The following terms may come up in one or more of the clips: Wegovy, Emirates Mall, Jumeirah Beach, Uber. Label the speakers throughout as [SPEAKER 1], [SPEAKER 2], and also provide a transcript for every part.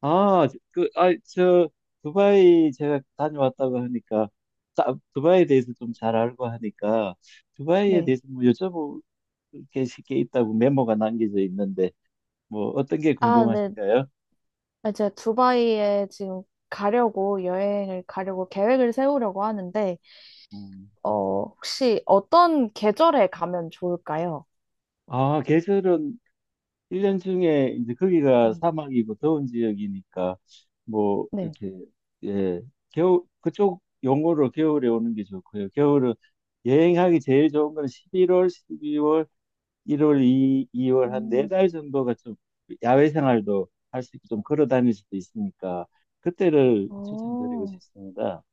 [SPEAKER 1] 아, 그, 아, 저, 두바이 제가 다녀왔다고 하니까, 두바이에 대해서 좀 잘 알고 하니까, 두바이에
[SPEAKER 2] 네.
[SPEAKER 1] 대해서 뭐 여쭤볼 게 쉽게 있다고 메모가 남겨져 있는데, 뭐 어떤 게
[SPEAKER 2] 아, 네.
[SPEAKER 1] 궁금하신가요?
[SPEAKER 2] 아, 제가 두바이에 지금 가려고 여행을 가려고 계획을 세우려고 하는데,
[SPEAKER 1] 음.
[SPEAKER 2] 혹시 어떤 계절에 가면 좋을까요?
[SPEAKER 1] 아, 계절은 일년 중에 이제 거기가
[SPEAKER 2] 네.
[SPEAKER 1] 사막이고 더운 지역이니까, 뭐,
[SPEAKER 2] 네.
[SPEAKER 1] 이렇게, 예, 겨 그쪽 용어로 겨울에 오는 게 좋고요. 겨울은 여행하기 제일 좋은 건 11월, 12월, 1월, 2, 월 한 네
[SPEAKER 2] 음,
[SPEAKER 1] 달 정도가 좀 야외 생활도 할 수 있고 좀 걸어 다닐 수도 있으니까 그때를 추천드리고
[SPEAKER 2] 어,
[SPEAKER 1] 싶습니다.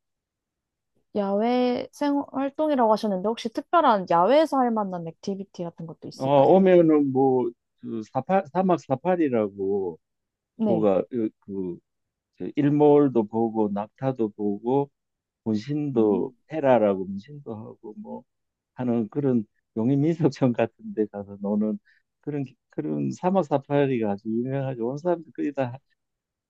[SPEAKER 2] 야외 생 활동이라고 하셨는데, 혹시 특별한 야외에서 할 만한 액티비티 같은 것도
[SPEAKER 1] 어,
[SPEAKER 2] 있을까요?
[SPEAKER 1] 오면은 뭐, 그 사막 사파리라고
[SPEAKER 2] 네.
[SPEAKER 1] 뭐가 그저 일몰도 보고 낙타도 보고
[SPEAKER 2] 음,
[SPEAKER 1] 문신도 테라라고 문신도 하고 뭐 하는 그런 용인민속촌 같은 데 가서 노는 그런 그런 사막 사파리가 아주 유명하죠. 온 사람들이 거의 다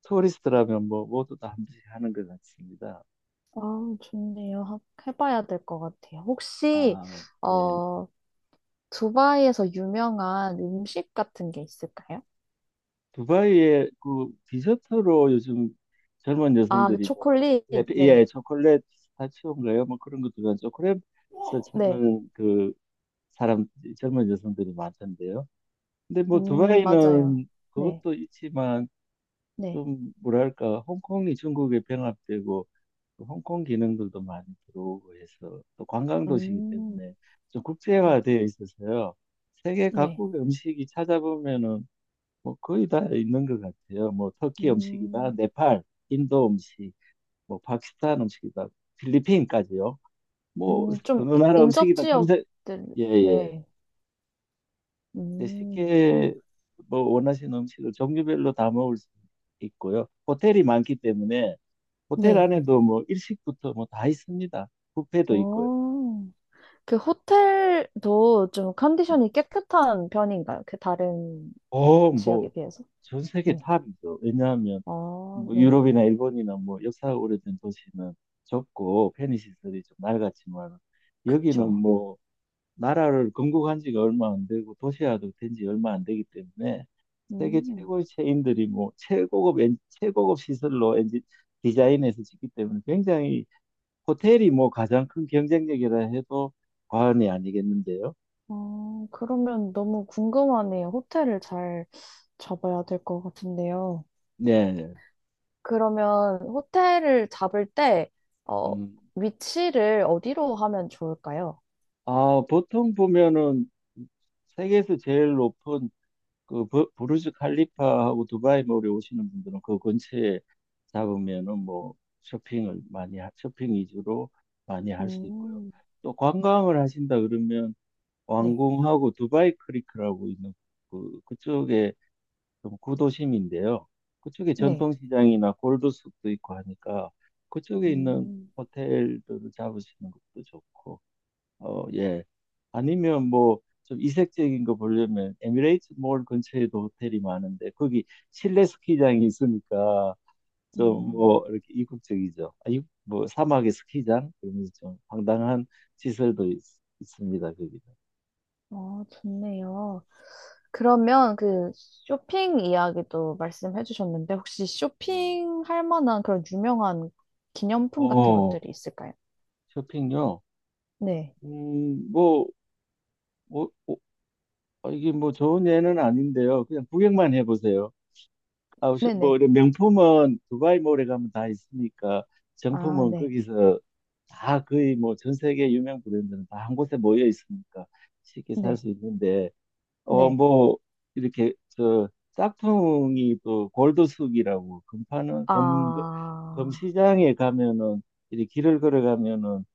[SPEAKER 1] 토리스트라면 뭐 모두 다 한지 하는 것 같습니다.
[SPEAKER 2] 아, 좋네요. 해봐야 될 것 같아요. 혹시,
[SPEAKER 1] 아, 네.
[SPEAKER 2] 어, 두바이에서 유명한 음식 같은 게 있을까요?
[SPEAKER 1] 두바이에 그 디저트로 요즘 젊은
[SPEAKER 2] 아, 그
[SPEAKER 1] 여성들이 뭐
[SPEAKER 2] 초콜릿?
[SPEAKER 1] 예,
[SPEAKER 2] 네.
[SPEAKER 1] 예, 초콜릿 피스타치오인가요? 뭐 그런 것들은 초콜릿을
[SPEAKER 2] 네.
[SPEAKER 1] 찾는 그 사람 젊은 여성들이 많던데요. 근데 뭐
[SPEAKER 2] 맞아요.
[SPEAKER 1] 두바이는
[SPEAKER 2] 네.
[SPEAKER 1] 그것도 있지만
[SPEAKER 2] 네.
[SPEAKER 1] 좀 뭐랄까 홍콩이 중국에 병합되고 또 홍콩 기능들도 많이 들어오고 해서 또 관광도시이기
[SPEAKER 2] 음,
[SPEAKER 1] 때문에 좀
[SPEAKER 2] 네.
[SPEAKER 1] 국제화되어 있어서요. 세계
[SPEAKER 2] 네.
[SPEAKER 1] 각국의 음식이 찾아보면은 뭐 거의 다 있는 것 같아요. 뭐 터키 음식이다,
[SPEAKER 2] 음,
[SPEAKER 1] 네팔, 인도 음식, 뭐 파키스탄 음식이다, 필리핀까지요. 뭐
[SPEAKER 2] 좀
[SPEAKER 1] 어느 나라
[SPEAKER 2] 인접
[SPEAKER 1] 음식이든 검색
[SPEAKER 2] 지역들,
[SPEAKER 1] 예, 예.
[SPEAKER 2] 네.
[SPEAKER 1] 네,
[SPEAKER 2] 음,
[SPEAKER 1] 쉽게 뭐 원하시는 음식을 종류별로 다 먹을 수 있고요. 호텔이 많기 때문에 호텔
[SPEAKER 2] 네.
[SPEAKER 1] 안에도 뭐 일식부터 뭐 다 있습니다. 뷔페도 있고요.
[SPEAKER 2] 오. 그 호텔도 좀 컨디션이 깨끗한 편인가요? 그 다른
[SPEAKER 1] 어, 뭐,
[SPEAKER 2] 지역에 비해서?
[SPEAKER 1] 전 세계
[SPEAKER 2] 네.
[SPEAKER 1] 탑이죠. 왜냐하면,
[SPEAKER 2] 아,
[SPEAKER 1] 뭐,
[SPEAKER 2] 네.
[SPEAKER 1] 유럽이나 일본이나 뭐, 역사가 오래된 도시는 좁고, 편의 시설이 좀 낡았지만, 여기는
[SPEAKER 2] 그쵸.
[SPEAKER 1] 뭐, 나라를 건국한 지가 얼마 안 되고, 도시화도 된지 얼마 안 되기 때문에, 세계
[SPEAKER 2] 음,
[SPEAKER 1] 최고의 체인들이 뭐, 최고급, 엔, 최고급 시설로 엔지, 디자인해서 짓기 때문에, 굉장히, 호텔이 뭐, 가장 큰 경쟁력이라 해도 과언이 아니겠는데요.
[SPEAKER 2] 어, 그러면 너무 궁금하네요. 호텔을 잘 잡아야 될 것 같은데요.
[SPEAKER 1] 네.
[SPEAKER 2] 그러면 호텔을 잡을 때, 어,
[SPEAKER 1] 음.
[SPEAKER 2] 위치를 어디로 하면 좋을까요?
[SPEAKER 1] 아, 보통 보면은 세계에서 제일 높은 그 부르즈 칼리파하고 두바이 몰에 오시는 분들은 그 근처에 잡으면은 뭐 쇼핑 위주로 많이 할 수 있고요.
[SPEAKER 2] 음,
[SPEAKER 1] 또 관광을 하신다 그러면
[SPEAKER 2] 네.
[SPEAKER 1] 왕궁하고 두바이 크리크라고 있는 그 그쪽에 좀 구도심인데요. 그쪽에
[SPEAKER 2] 네.
[SPEAKER 1] 전통시장이나 골드숲도 있고 하니까 그쪽에 있는
[SPEAKER 2] 음,
[SPEAKER 1] 호텔들을 잡으시는 것도 좋고. 어, 예. 아니면 뭐 좀 이색적인 거 보려면 에미레이트 몰 근처에도 호텔이 많은데 거기 실내 스키장이 있으니까 좀
[SPEAKER 2] 음.
[SPEAKER 1] 뭐 이렇게 이국적이죠. 뭐 사막의 스키장 그러면서 좀 황당한 시설도 있, 습니다 거기는.
[SPEAKER 2] 어, 좋네요. 그러면 그 쇼핑 이야기도 말씀해 주셨는데, 혹시
[SPEAKER 1] 음.
[SPEAKER 2] 쇼핑할 만한 그런 유명한 기념품 같은
[SPEAKER 1] 어,
[SPEAKER 2] 것들이 있을까요?
[SPEAKER 1] 쇼핑요.
[SPEAKER 2] 네.
[SPEAKER 1] 음, 뭐, 뭐, 뭐, 아, 이게 뭐 좋은 예는 아닌데요. 그냥 구경만 해보세요. 뭐
[SPEAKER 2] 네네.
[SPEAKER 1] 이런 명품은 두바이 몰에 가면 다 있으니까
[SPEAKER 2] 아,
[SPEAKER 1] 정품은
[SPEAKER 2] 네.
[SPEAKER 1] 거기서 다 거의 뭐 전 세계 유명 브랜드는 다 한 곳에 모여 있으니까 쉽게 살
[SPEAKER 2] 네.
[SPEAKER 1] 수 있는데 어,
[SPEAKER 2] 네.
[SPEAKER 1] 뭐, 이렇게, 저, 짝퉁이 또 골드숙이라고, 금파는, 금,
[SPEAKER 2] 아,
[SPEAKER 1] 금시장에 가면은, 이렇게 길을 걸어가면은,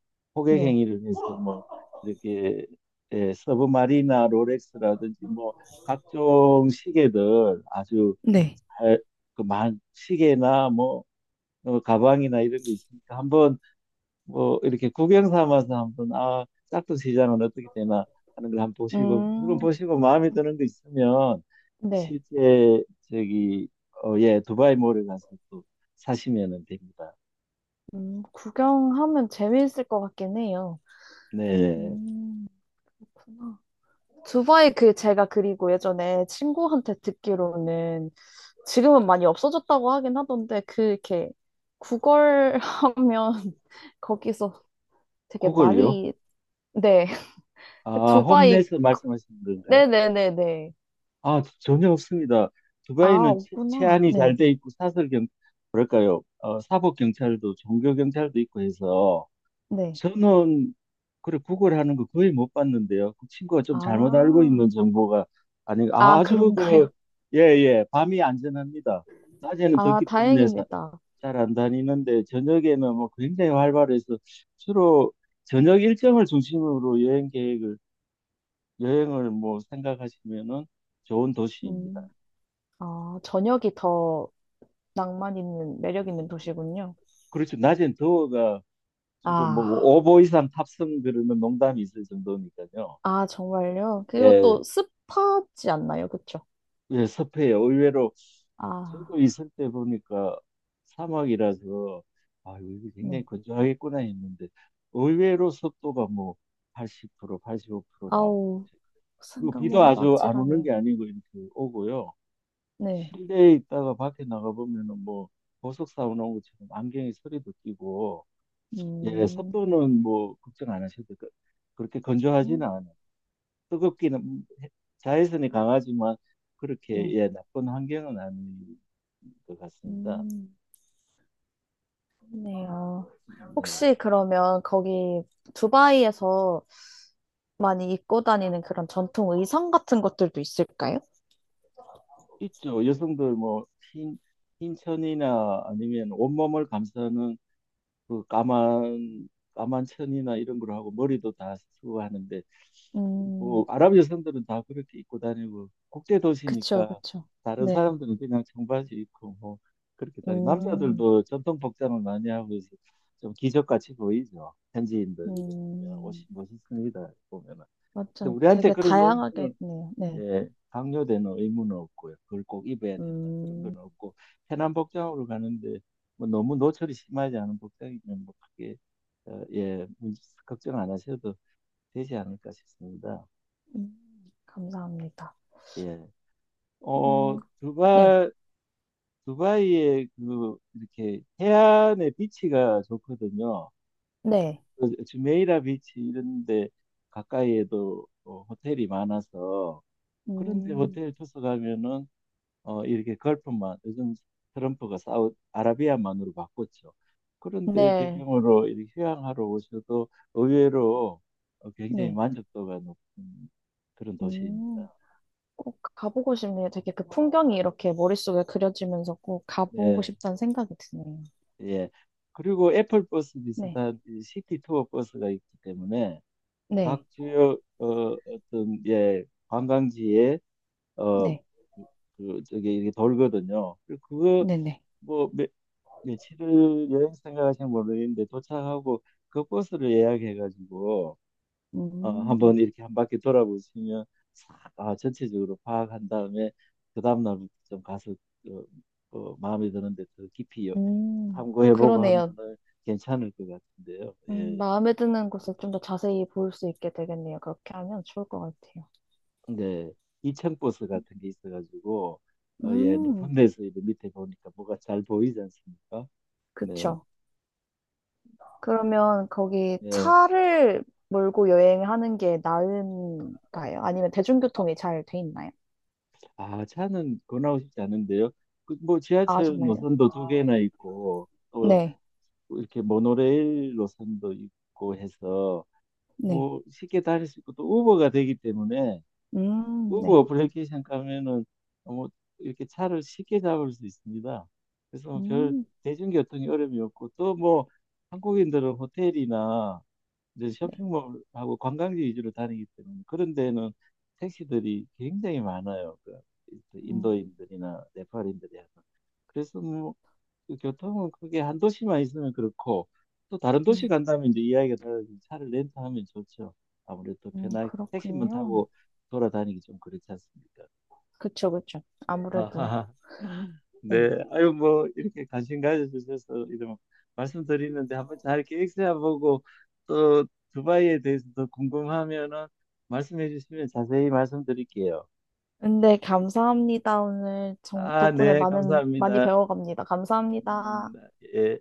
[SPEAKER 2] 네.
[SPEAKER 1] 호객행위를 해서 뭐, 이렇게, 예, 서브마리나 롤렉스라든지 뭐, 각종 시계들 아주
[SPEAKER 2] 네.
[SPEAKER 1] 잘, 그, 만, 시계나 뭐, 어, 가방이나 이런 거 있으니까 한번 뭐 이렇게 구경 삼아서 한번 아 짝퉁 시장은 어떻게 되나 하는 걸 한번 보시고 물론
[SPEAKER 2] 음,
[SPEAKER 1] 보시고 마음에 드는 거 있으면
[SPEAKER 2] 네.
[SPEAKER 1] 실제 저기 어, 예 두바이 몰에 가서 또 사시면은 됩니다.
[SPEAKER 2] 구경하면 재미있을 것 같긴 해요.
[SPEAKER 1] 네
[SPEAKER 2] 음, 그렇구나. 두바이 그 제가 그리고 예전에 친구한테 듣기로는 지금은 많이 없어졌다고 하긴 하던데 그 이렇게 구걸하면 거기서 되게
[SPEAKER 1] 그걸요?
[SPEAKER 2] 많이 네 두바이
[SPEAKER 1] 홈내에서 말씀하시는 건가요?
[SPEAKER 2] 네네네네
[SPEAKER 1] 전혀 없습니다.
[SPEAKER 2] 아
[SPEAKER 1] 두바이는
[SPEAKER 2] 없구나
[SPEAKER 1] 치안이 잘 돼 있고 사설 경 뭐랄까요? 어, 사법 경찰도 종교 경찰도 있고 해서
[SPEAKER 2] 네네
[SPEAKER 1] 저는 그래 구글하는 거 거의 못 봤는데요. 그 친구가 좀
[SPEAKER 2] 아
[SPEAKER 1] 잘못 알고 있는 정보가 아니 아,
[SPEAKER 2] 아
[SPEAKER 1] 아주 그
[SPEAKER 2] 그런가요?
[SPEAKER 1] 예예 밤이 안전합니다. 낮에는
[SPEAKER 2] 아
[SPEAKER 1] 덥기 때문에
[SPEAKER 2] 다행입니다.
[SPEAKER 1] 잘 안 다니는데 저녁에는 뭐 굉장히 활발해서 주로 저녁 일정을 중심으로 여행 계획을 여행을 뭐 생각하시면은 좋은 도시입니다.
[SPEAKER 2] 음, 아 저녁이 더 낭만 있는 매력 있는 도시군요.
[SPEAKER 1] 그렇죠. 낮엔 더워가 지금 뭐
[SPEAKER 2] 아,
[SPEAKER 1] 5보 이상 탑승 그러면 농담이 있을 정도니까요.
[SPEAKER 2] 아, 정말요? 그리고
[SPEAKER 1] 예.
[SPEAKER 2] 또 습하지 않나요? 그쵸?
[SPEAKER 1] 네, 섭해요. 의외로
[SPEAKER 2] 아,
[SPEAKER 1] 저도 있을 때 보니까 사막이라서 아, 이거 굉장히
[SPEAKER 2] 네.
[SPEAKER 1] 건조하겠구나 했는데 의외로 습도가 뭐 80% 85% 나오고
[SPEAKER 2] 아우,
[SPEAKER 1] 그리고 비도
[SPEAKER 2] 생각만 해도
[SPEAKER 1] 아주 안 오는
[SPEAKER 2] 아찔하네요.
[SPEAKER 1] 게 아니고 이렇게 오고요.
[SPEAKER 2] 네.
[SPEAKER 1] 실내에 있다가 밖에 나가 보면은 뭐 보석 사온 것처럼 안경에 서리도 끼고 예,
[SPEAKER 2] 음,
[SPEAKER 1] 습도는 뭐 걱정 안 하셔도 그렇게 건조하지는
[SPEAKER 2] 음,
[SPEAKER 1] 않아요. 뜨겁기는 자외선이 강하지만 그렇게
[SPEAKER 2] 네.
[SPEAKER 1] 예 나쁜 환경은 아닌 것 같습니다.
[SPEAKER 2] 음, 좋네요.
[SPEAKER 1] 네,
[SPEAKER 2] 혹시 그러면 거기 두바이에서 많이 입고 다니는 그런 전통 의상 같은 것들도 있을까요?
[SPEAKER 1] 있죠. 여성들 뭐 흰, 흰천이나 아니면 온몸을 감싸는 그 까만 천이나 이런 걸 하고 머리도 다 쓰고 하는데
[SPEAKER 2] 음,
[SPEAKER 1] 뭐 아랍 여성들은 다 그렇게 입고 다니고 국제
[SPEAKER 2] 그쵸,
[SPEAKER 1] 도시니까
[SPEAKER 2] 그쵸.
[SPEAKER 1] 다른
[SPEAKER 2] 네.
[SPEAKER 1] 사람들은 그냥 청바지 입고 뭐 그렇게 다니.
[SPEAKER 2] 음,
[SPEAKER 1] 남자들도 전통 복장을 많이 하고 해서 좀 기적같이 보이죠. 현지인들 이렇게 보면 옷이
[SPEAKER 2] 음,
[SPEAKER 1] 멋있습니다. 보면은. 근데
[SPEAKER 2] 완전
[SPEAKER 1] 우리한테
[SPEAKER 2] 되게
[SPEAKER 1] 그런
[SPEAKER 2] 다양하게
[SPEAKER 1] 의무는
[SPEAKER 2] 있네요. 네.
[SPEAKER 1] 예, 강요되는 의무는 없고요. 그걸 꼭 입어야 된다 그런
[SPEAKER 2] 음.
[SPEAKER 1] 건 없고 편한 복장으로 가는데 뭐 너무 노출이 심하지 않은 복장이면 뭐 크게 어, 예, 문 걱정 안 하셔도 되지 않을까 싶습니다.
[SPEAKER 2] 음, 감사합니다.
[SPEAKER 1] 예.
[SPEAKER 2] 음,
[SPEAKER 1] 어,
[SPEAKER 2] 네,
[SPEAKER 1] 두바, 두바이의 그, 이렇게 해안의 비치가 좋거든요.
[SPEAKER 2] 네,
[SPEAKER 1] 그 주메이라 비치 이런 데 가까이에도 어, 호텔이 많아서 그런데
[SPEAKER 2] 음,
[SPEAKER 1] 호텔 투숙 가면은 어, 이렇게 걸프만, 요즘 트럼프가 아라비아만으로 바꿨죠. 그런데
[SPEAKER 2] 네,
[SPEAKER 1] 배경으로 이렇게 휴양하러 오셔도 의외로 어, 굉장히
[SPEAKER 2] 네,
[SPEAKER 1] 만족도가 높은 그런
[SPEAKER 2] 음,
[SPEAKER 1] 도시입니다.
[SPEAKER 2] 꼭 가보고 싶네요. 되게 그 풍경이 이렇게 머릿속에 그려지면서 꼭 가보고
[SPEAKER 1] 네.
[SPEAKER 2] 싶다는 생각이 드네요.
[SPEAKER 1] 예. 그리고 애플 버스
[SPEAKER 2] 네,
[SPEAKER 1] 비슷한 이 시티 투어 버스가 있기 때문에 각
[SPEAKER 2] 네,
[SPEAKER 1] 주요 어, 어떤 예 관광지에 어그
[SPEAKER 2] 네,
[SPEAKER 1] 저기 이게 돌거든요. 그거
[SPEAKER 2] 네, 네,
[SPEAKER 1] 뭐 며칠을 여행 생각하시면 모르겠는데 도착하고 그 버스를 예약해가지고 어, 한번
[SPEAKER 2] 음,
[SPEAKER 1] 이렇게 한 바퀴 돌아보시면 싹, 아, 전체적으로 파악한 다음에 그 다음 날부터 좀 가서 어, 마음에 드는데 더 깊이 탐구해보고
[SPEAKER 2] 그러네요.
[SPEAKER 1] 하면은 괜찮을 것 같은데요. 예,
[SPEAKER 2] 마음에 드는 곳을 좀 더 자세히 볼 수 있게 되겠네요. 그렇게 하면 좋을 것 같아요.
[SPEAKER 1] 근데 이층 버스 같은 게 있어가지고 어, 예,
[SPEAKER 2] 음,
[SPEAKER 1] 높은 데서 이제 밑에 보니까 뭐가 잘 보이지 않습니까? 네,
[SPEAKER 2] 그쵸. 그러면 거기
[SPEAKER 1] 예,
[SPEAKER 2] 차를 몰고 여행하는 게 나은가요? 아니면 대중교통이 잘 돼 있나요?
[SPEAKER 1] 아, 차는 권하고 싶지 않은데요. 그, 뭐
[SPEAKER 2] 아,
[SPEAKER 1] 지하철
[SPEAKER 2] 정말요?
[SPEAKER 1] 노선도 두 개나 있고 또
[SPEAKER 2] 네,
[SPEAKER 1] 이렇게 모노레일 노선도 있고 해서.
[SPEAKER 2] 네.
[SPEAKER 1] 뭐 쉽게 다닐 수 있고 또 우버가 되기 때문에 우버
[SPEAKER 2] 네.
[SPEAKER 1] 어플리케이션 가면은 뭐 이렇게 차를 쉽게 잡을 수 있습니다. 그래서 뭐별
[SPEAKER 2] 음,
[SPEAKER 1] 대중교통이 어려움이 없고 또 뭐 한국인들은 호텔이나 이제
[SPEAKER 2] 네.
[SPEAKER 1] 쇼핑몰하고 관광지 위주로 다니기 때문에 그런 데는 택시들이 굉장히 많아요. 그
[SPEAKER 2] 음,
[SPEAKER 1] 인도인들이나 네팔인들이 하는. 그래서 뭐 그 교통은 크게 한 도시만 있으면 그렇고 또 다른 도시
[SPEAKER 2] 음,
[SPEAKER 1] 간다면 이제 이야기가 달라지면 차를 렌트하면 좋죠. 아무래도 편하게 택시만
[SPEAKER 2] 그렇군요.
[SPEAKER 1] 타고 돌아다니기 좀 그렇지 않습니까?
[SPEAKER 2] 그쵸, 그쵸. 아무래도.
[SPEAKER 1] 아하. 네,
[SPEAKER 2] 네.
[SPEAKER 1] 아유 뭐 이렇게 관심 가져주셔서 이런 말씀드리는데 한번 잘 계획 세워보고 또 두바이에 대해서 더 궁금하면은 말씀해 주시면 자세히 말씀드릴게요.
[SPEAKER 2] 근데 감사합니다. 오늘 정,
[SPEAKER 1] 아,
[SPEAKER 2] 덕분에
[SPEAKER 1] 네,
[SPEAKER 2] 많은, 많이
[SPEAKER 1] 감사합니다.
[SPEAKER 2] 배워갑니다.
[SPEAKER 1] 음,
[SPEAKER 2] 감사합니다.
[SPEAKER 1] 예.